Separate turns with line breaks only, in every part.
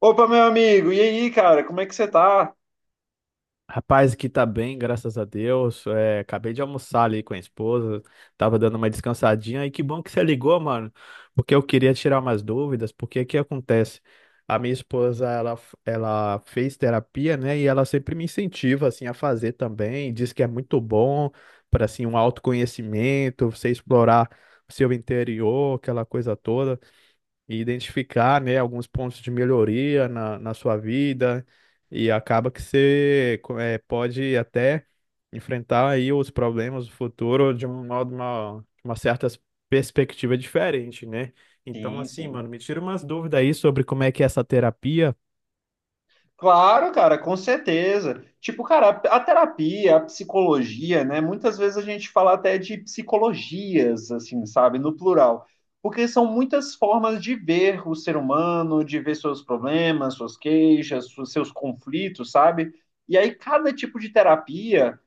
Opa, meu amigo, e aí, cara, como é que você tá?
Rapaz, aqui tá bem, graças a Deus. É, acabei de almoçar ali com a esposa, tava dando uma descansadinha e que bom que você ligou, mano, porque eu queria tirar umas dúvidas, porque o que acontece? A minha esposa, ela fez terapia, né, e ela sempre me incentiva, assim, a fazer também, diz que é muito bom para, assim, um autoconhecimento, você explorar o seu interior, aquela coisa toda e identificar, né, alguns pontos de melhoria na sua vida e acaba que você pode até enfrentar aí os problemas do futuro de um modo, uma certa perspectiva diferente, né? Então,
Sim,
assim,
sim.
mano, me tira umas dúvidas aí sobre como é que é essa terapia.
Claro, cara, com certeza. Tipo, cara, a terapia, a psicologia, né? Muitas vezes a gente fala até de psicologias, assim, sabe, no plural. Porque são muitas formas de ver o ser humano, de ver seus problemas, suas queixas, seus conflitos, sabe? E aí, cada tipo de terapia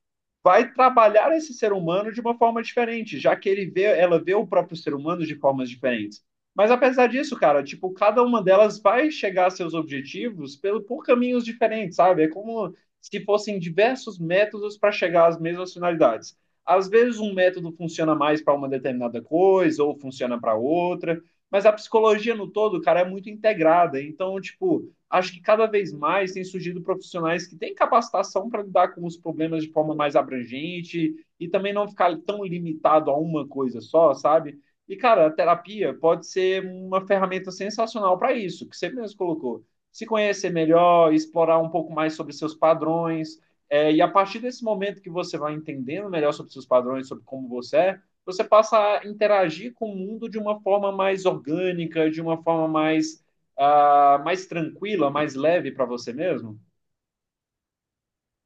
vai trabalhar esse ser humano de uma forma diferente, já que ela vê o próprio ser humano de formas diferentes. Mas apesar disso, cara, tipo, cada uma delas vai chegar a seus objetivos por caminhos diferentes, sabe? É como se fossem diversos métodos para chegar às mesmas finalidades. Às vezes um método funciona mais para uma determinada coisa ou funciona para outra, mas a psicologia no todo, cara, é muito integrada. Então, tipo, acho que cada vez mais tem surgido profissionais que têm capacitação para lidar com os problemas de forma mais abrangente e também não ficar tão limitado a uma coisa só, sabe? E, cara, a terapia pode ser uma ferramenta sensacional para isso, que você mesmo colocou. Se conhecer melhor, explorar um pouco mais sobre seus padrões. É, e a partir desse momento que você vai entendendo melhor sobre seus padrões, sobre como você é, você passa a interagir com o mundo de uma forma mais orgânica, de uma forma mais mais tranquila, mais leve para você mesmo?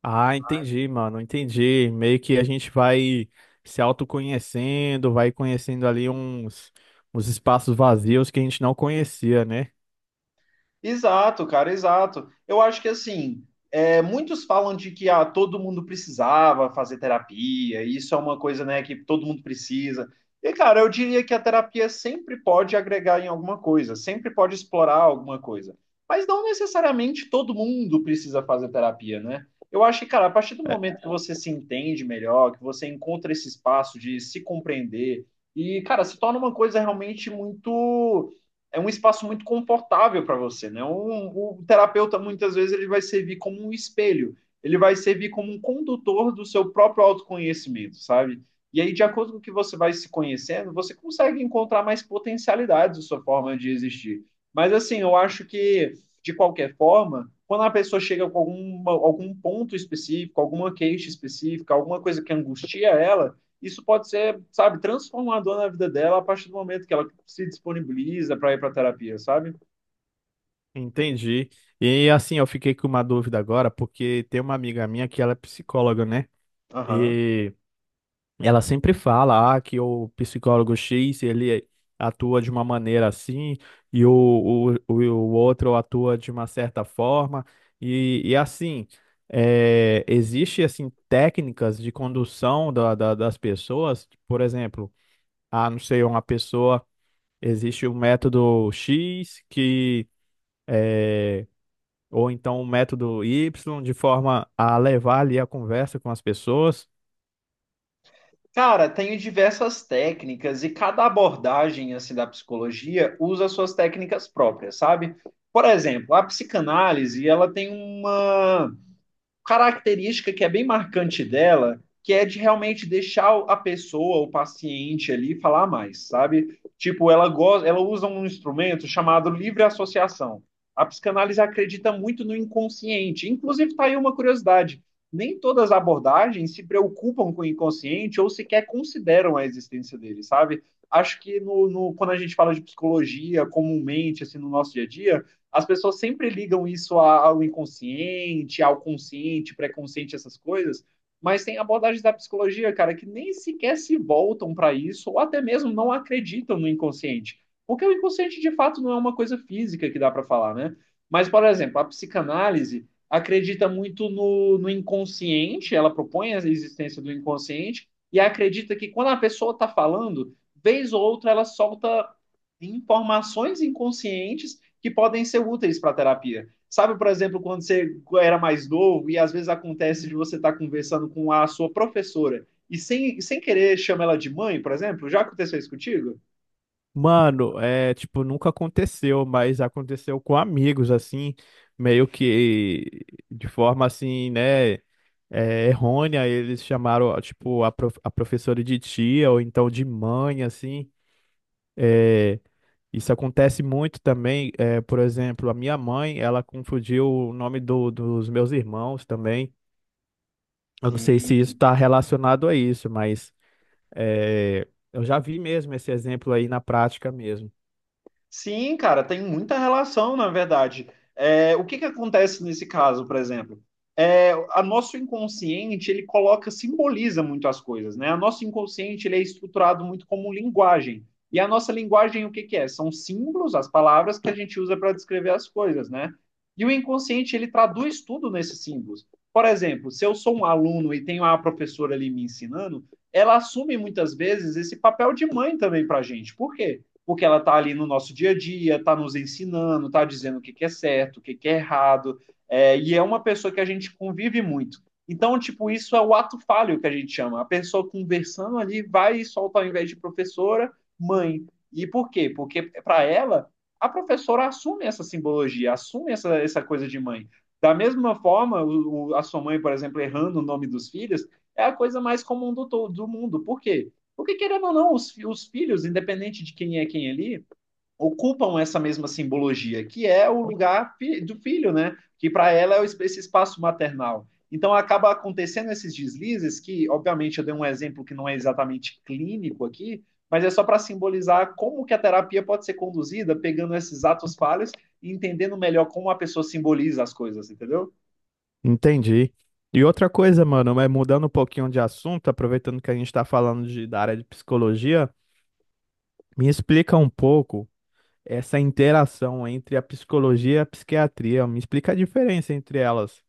Ah, entendi, mano, entendi. Meio que a gente vai se autoconhecendo, vai conhecendo ali uns espaços vazios que a gente não conhecia, né?
Exato, cara, exato. Eu acho que assim, é, muitos falam de que ah, todo mundo precisava fazer terapia, e isso é uma coisa, né, que todo mundo precisa. E, cara, eu diria que a terapia sempre pode agregar em alguma coisa, sempre pode explorar alguma coisa. Mas não necessariamente todo mundo precisa fazer terapia, né? Eu acho que, cara, a partir do
É.
momento que você se entende melhor, que você encontra esse espaço de se compreender, e, cara, se torna uma coisa realmente muito é um espaço muito confortável para você, né? O terapeuta muitas vezes ele vai servir como um espelho, ele vai servir como um condutor do seu próprio autoconhecimento, sabe? E aí, de acordo com o que você vai se conhecendo, você consegue encontrar mais potencialidades da sua forma de existir. Mas assim, eu acho que de qualquer forma, quando a pessoa chega com alguma, algum ponto específico, alguma queixa específica, alguma coisa que angustia ela, isso pode ser, sabe, transformador na vida dela a partir do momento que ela se disponibiliza para ir para terapia, sabe?
Entendi. E assim, eu fiquei com uma dúvida agora, porque tem uma amiga minha que ela é psicóloga, né?
Aham.
E ela sempre fala, ah, que o psicólogo X, ele atua de uma maneira assim, e o outro atua de uma certa forma. E assim, é, existe assim técnicas de condução das pessoas, por exemplo, ah, não sei, uma pessoa, existe um método X que eh, ou então um método Y, de forma a levar ali a conversa com as pessoas.
Cara, tenho diversas técnicas e cada abordagem assim da psicologia usa suas técnicas próprias, sabe? Por exemplo, a psicanálise, ela tem uma característica que é bem marcante dela, que é de realmente deixar a pessoa, o paciente ali, falar mais, sabe? Tipo, ela gosta, ela usa um instrumento chamado livre associação. A psicanálise acredita muito no inconsciente. Inclusive, está aí uma curiosidade. Nem todas as abordagens se preocupam com o inconsciente ou sequer consideram a existência dele, sabe? Acho que no, no, quando a gente fala de psicologia comumente, assim, no nosso dia a dia, as pessoas sempre ligam isso ao inconsciente, ao consciente, pré-consciente, essas coisas, mas tem abordagens da psicologia, cara, que nem sequer se voltam para isso, ou até mesmo não acreditam no inconsciente. Porque o inconsciente, de fato, não é uma coisa física que dá para falar, né? Mas, por exemplo, a psicanálise acredita muito no inconsciente, ela propõe a existência do inconsciente, e acredita que quando a pessoa está falando, vez ou outra ela solta informações inconscientes que podem ser úteis para a terapia. Sabe, por exemplo, quando você era mais novo e às vezes acontece de você estar conversando com a sua professora e sem querer chama ela de mãe, por exemplo? Já aconteceu isso contigo?
Mano, é tipo, nunca aconteceu, mas aconteceu com amigos, assim, meio que de forma assim, né? É, errônea, eles chamaram, tipo, a professora de tia ou então de mãe, assim. É, isso acontece muito também. É, por exemplo, a minha mãe, ela confundiu o nome dos meus irmãos também. Eu não sei se isso
Sim,
está relacionado a isso, mas é, eu já vi mesmo esse exemplo aí na prática mesmo.
sim, cara, tem muita relação, na verdade. É, o que que acontece nesse caso, por exemplo? É, a nosso inconsciente, ele coloca, simboliza muito as coisas, né? O nosso inconsciente, ele é estruturado muito como linguagem. E a nossa linguagem, o que que é? São símbolos, as palavras que a gente usa para descrever as coisas, né? E o inconsciente, ele traduz tudo nesses símbolos. Por exemplo, se eu sou um aluno e tenho a professora ali me ensinando, ela assume muitas vezes esse papel de mãe também para a gente. Por quê? Porque ela está ali no nosso dia a dia, está nos ensinando, está dizendo que é certo, que é errado, é, e é uma pessoa que a gente convive muito. Então, tipo, isso é o ato falho que a gente chama. A pessoa conversando ali vai e solta, ao invés de professora, mãe. E por quê? Porque para ela, a professora assume essa simbologia, assume essa coisa de mãe. Da mesma forma, a sua mãe, por exemplo, errando o nome dos filhos, é a coisa mais comum do mundo. Por quê? Porque, querendo ou não, os filhos, independente de quem é quem ali, ocupam essa mesma simbologia, que é o lugar do filho, né? Que para ela é o esse espaço maternal. Então, acaba acontecendo esses deslizes, que, obviamente, eu dei um exemplo que não é exatamente clínico aqui, mas é só para simbolizar como que a terapia pode ser conduzida, pegando esses atos falhos e entendendo melhor como a pessoa simboliza as coisas, entendeu?
Entendi. E outra coisa, mano, é mudando um pouquinho de assunto, aproveitando que a gente está falando da área de psicologia, me explica um pouco essa interação entre a psicologia e a psiquiatria. Me explica a diferença entre elas.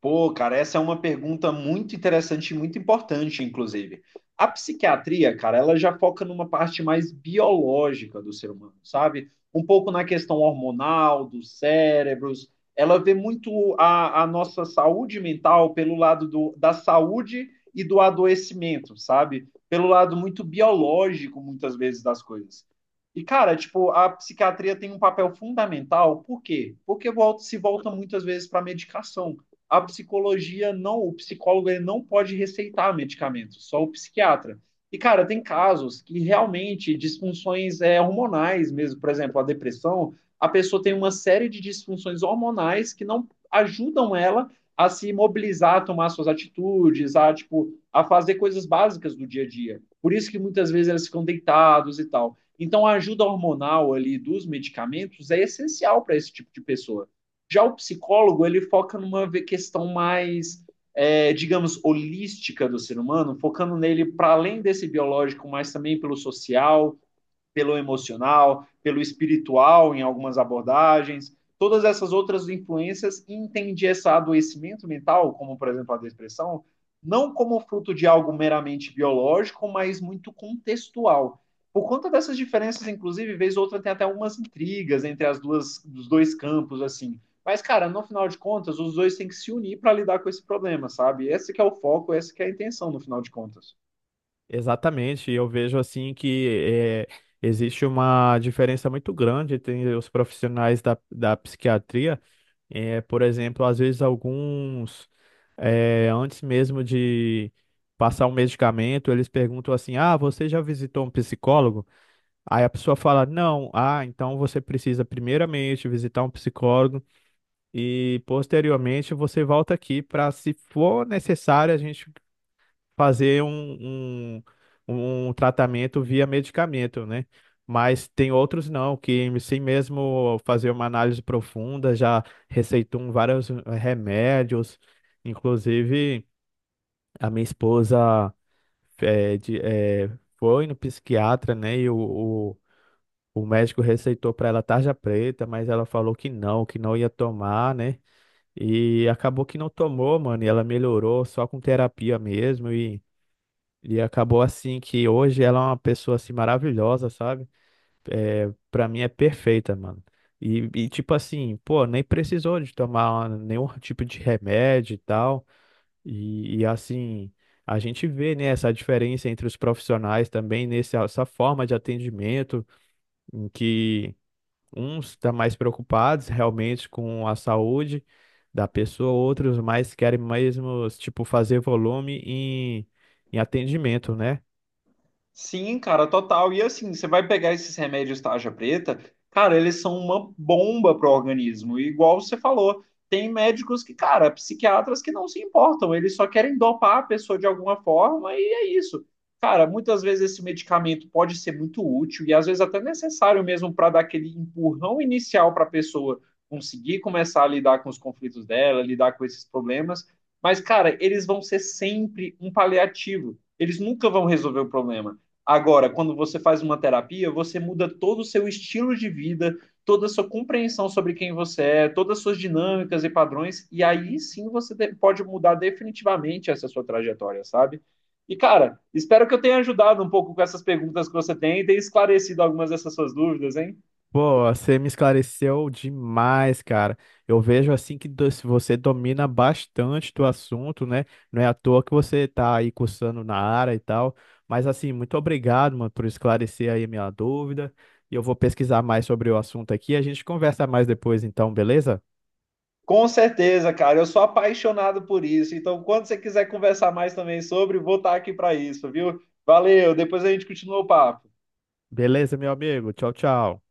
Pô, cara, essa é uma pergunta muito interessante e muito importante, inclusive. A psiquiatria, cara, ela já foca numa parte mais biológica do ser humano, sabe? Um pouco na questão hormonal, dos cérebros. Ela vê muito a nossa saúde mental pelo lado da saúde e do adoecimento, sabe? Pelo lado muito biológico, muitas vezes, das coisas. E, cara, tipo, a psiquiatria tem um papel fundamental, por quê? Porque volta, se volta muitas vezes para medicação. A psicologia não, o psicólogo ele não pode receitar medicamentos, só o psiquiatra. E, cara, tem casos que realmente disfunções é, hormonais mesmo, por exemplo, a depressão, a pessoa tem uma série de disfunções hormonais que não ajudam ela a se mobilizar, a tomar suas atitudes, a, tipo, a fazer coisas básicas do dia a dia. Por isso que muitas vezes elas ficam deitados e tal. Então, a ajuda hormonal ali dos medicamentos é essencial para esse tipo de pessoa. Já o psicólogo, ele foca numa questão mais, é, digamos, holística do ser humano, focando nele para além desse biológico, mas também pelo social, pelo emocional, pelo espiritual em algumas abordagens, todas essas outras influências e entendi esse adoecimento mental, como por exemplo a depressão, não como fruto de algo meramente biológico, mas muito contextual. Por conta dessas diferenças, inclusive, vez ou outra tem até umas intrigas entre as duas, os dois campos, assim. Mas, cara, no final de contas, os dois têm que se unir para lidar com esse problema, sabe? Esse que é o foco, essa que é a intenção, no final de contas.
Exatamente. Eu vejo assim que é, existe uma diferença muito grande entre os profissionais da psiquiatria. É, por exemplo, às vezes alguns, antes mesmo de passar o medicamento, eles perguntam assim: "Ah, você já visitou um psicólogo?" Aí a pessoa fala: "Não." "Ah, então você precisa primeiramente visitar um psicólogo e posteriormente você volta aqui para, se for necessário, a gente fazer um tratamento via medicamento, né?" Mas tem outros não, que sem mesmo fazer uma análise profunda, já receitam vários remédios. Inclusive, a minha esposa eh, de- eh, foi no psiquiatra, né? E o médico receitou para ela tarja preta, mas ela falou que não ia tomar, né? E acabou que não tomou, mano, e ela melhorou só com terapia mesmo, e acabou assim que hoje ela é uma pessoa assim maravilhosa, sabe? É, para mim é perfeita, mano. E tipo assim, pô, nem precisou de tomar nenhum tipo de remédio e tal. E assim, a gente vê, né, essa diferença entre os profissionais também nessa essa forma de atendimento, em que uns estão mais preocupados realmente com a saúde da pessoa, outros mais querem mesmo, tipo, fazer volume em atendimento, né?
Sim, cara, total. E assim, você vai pegar esses remédios tarja preta, cara, eles são uma bomba pro organismo. E igual você falou, tem médicos que, cara, psiquiatras que não se importam, eles só querem dopar a pessoa de alguma forma e é isso. Cara, muitas vezes esse medicamento pode ser muito útil e às vezes até necessário mesmo para dar aquele empurrão inicial para a pessoa conseguir começar a lidar com os conflitos dela, lidar com esses problemas. Mas, cara, eles vão ser sempre um paliativo. Eles nunca vão resolver o problema. Agora, quando você faz uma terapia, você muda todo o seu estilo de vida, toda a sua compreensão sobre quem você é, todas as suas dinâmicas e padrões, e aí sim você pode mudar definitivamente essa sua trajetória, sabe? E, cara, espero que eu tenha ajudado um pouco com essas perguntas que você tem e tenha esclarecido algumas dessas suas dúvidas, hein?
Pô, você me esclareceu demais, cara. Eu vejo assim que do- se você domina bastante do assunto, né? Não é à toa que você tá aí cursando na área e tal. Mas assim, muito obrigado, mano, por esclarecer aí a minha dúvida. E eu vou pesquisar mais sobre o assunto aqui. A gente conversa mais depois, então, beleza?
Com certeza, cara, eu sou apaixonado por isso. Então, quando você quiser conversar mais também sobre, vou estar aqui para isso, viu? Valeu, depois a gente continua o papo.
Beleza, meu amigo. Tchau, tchau.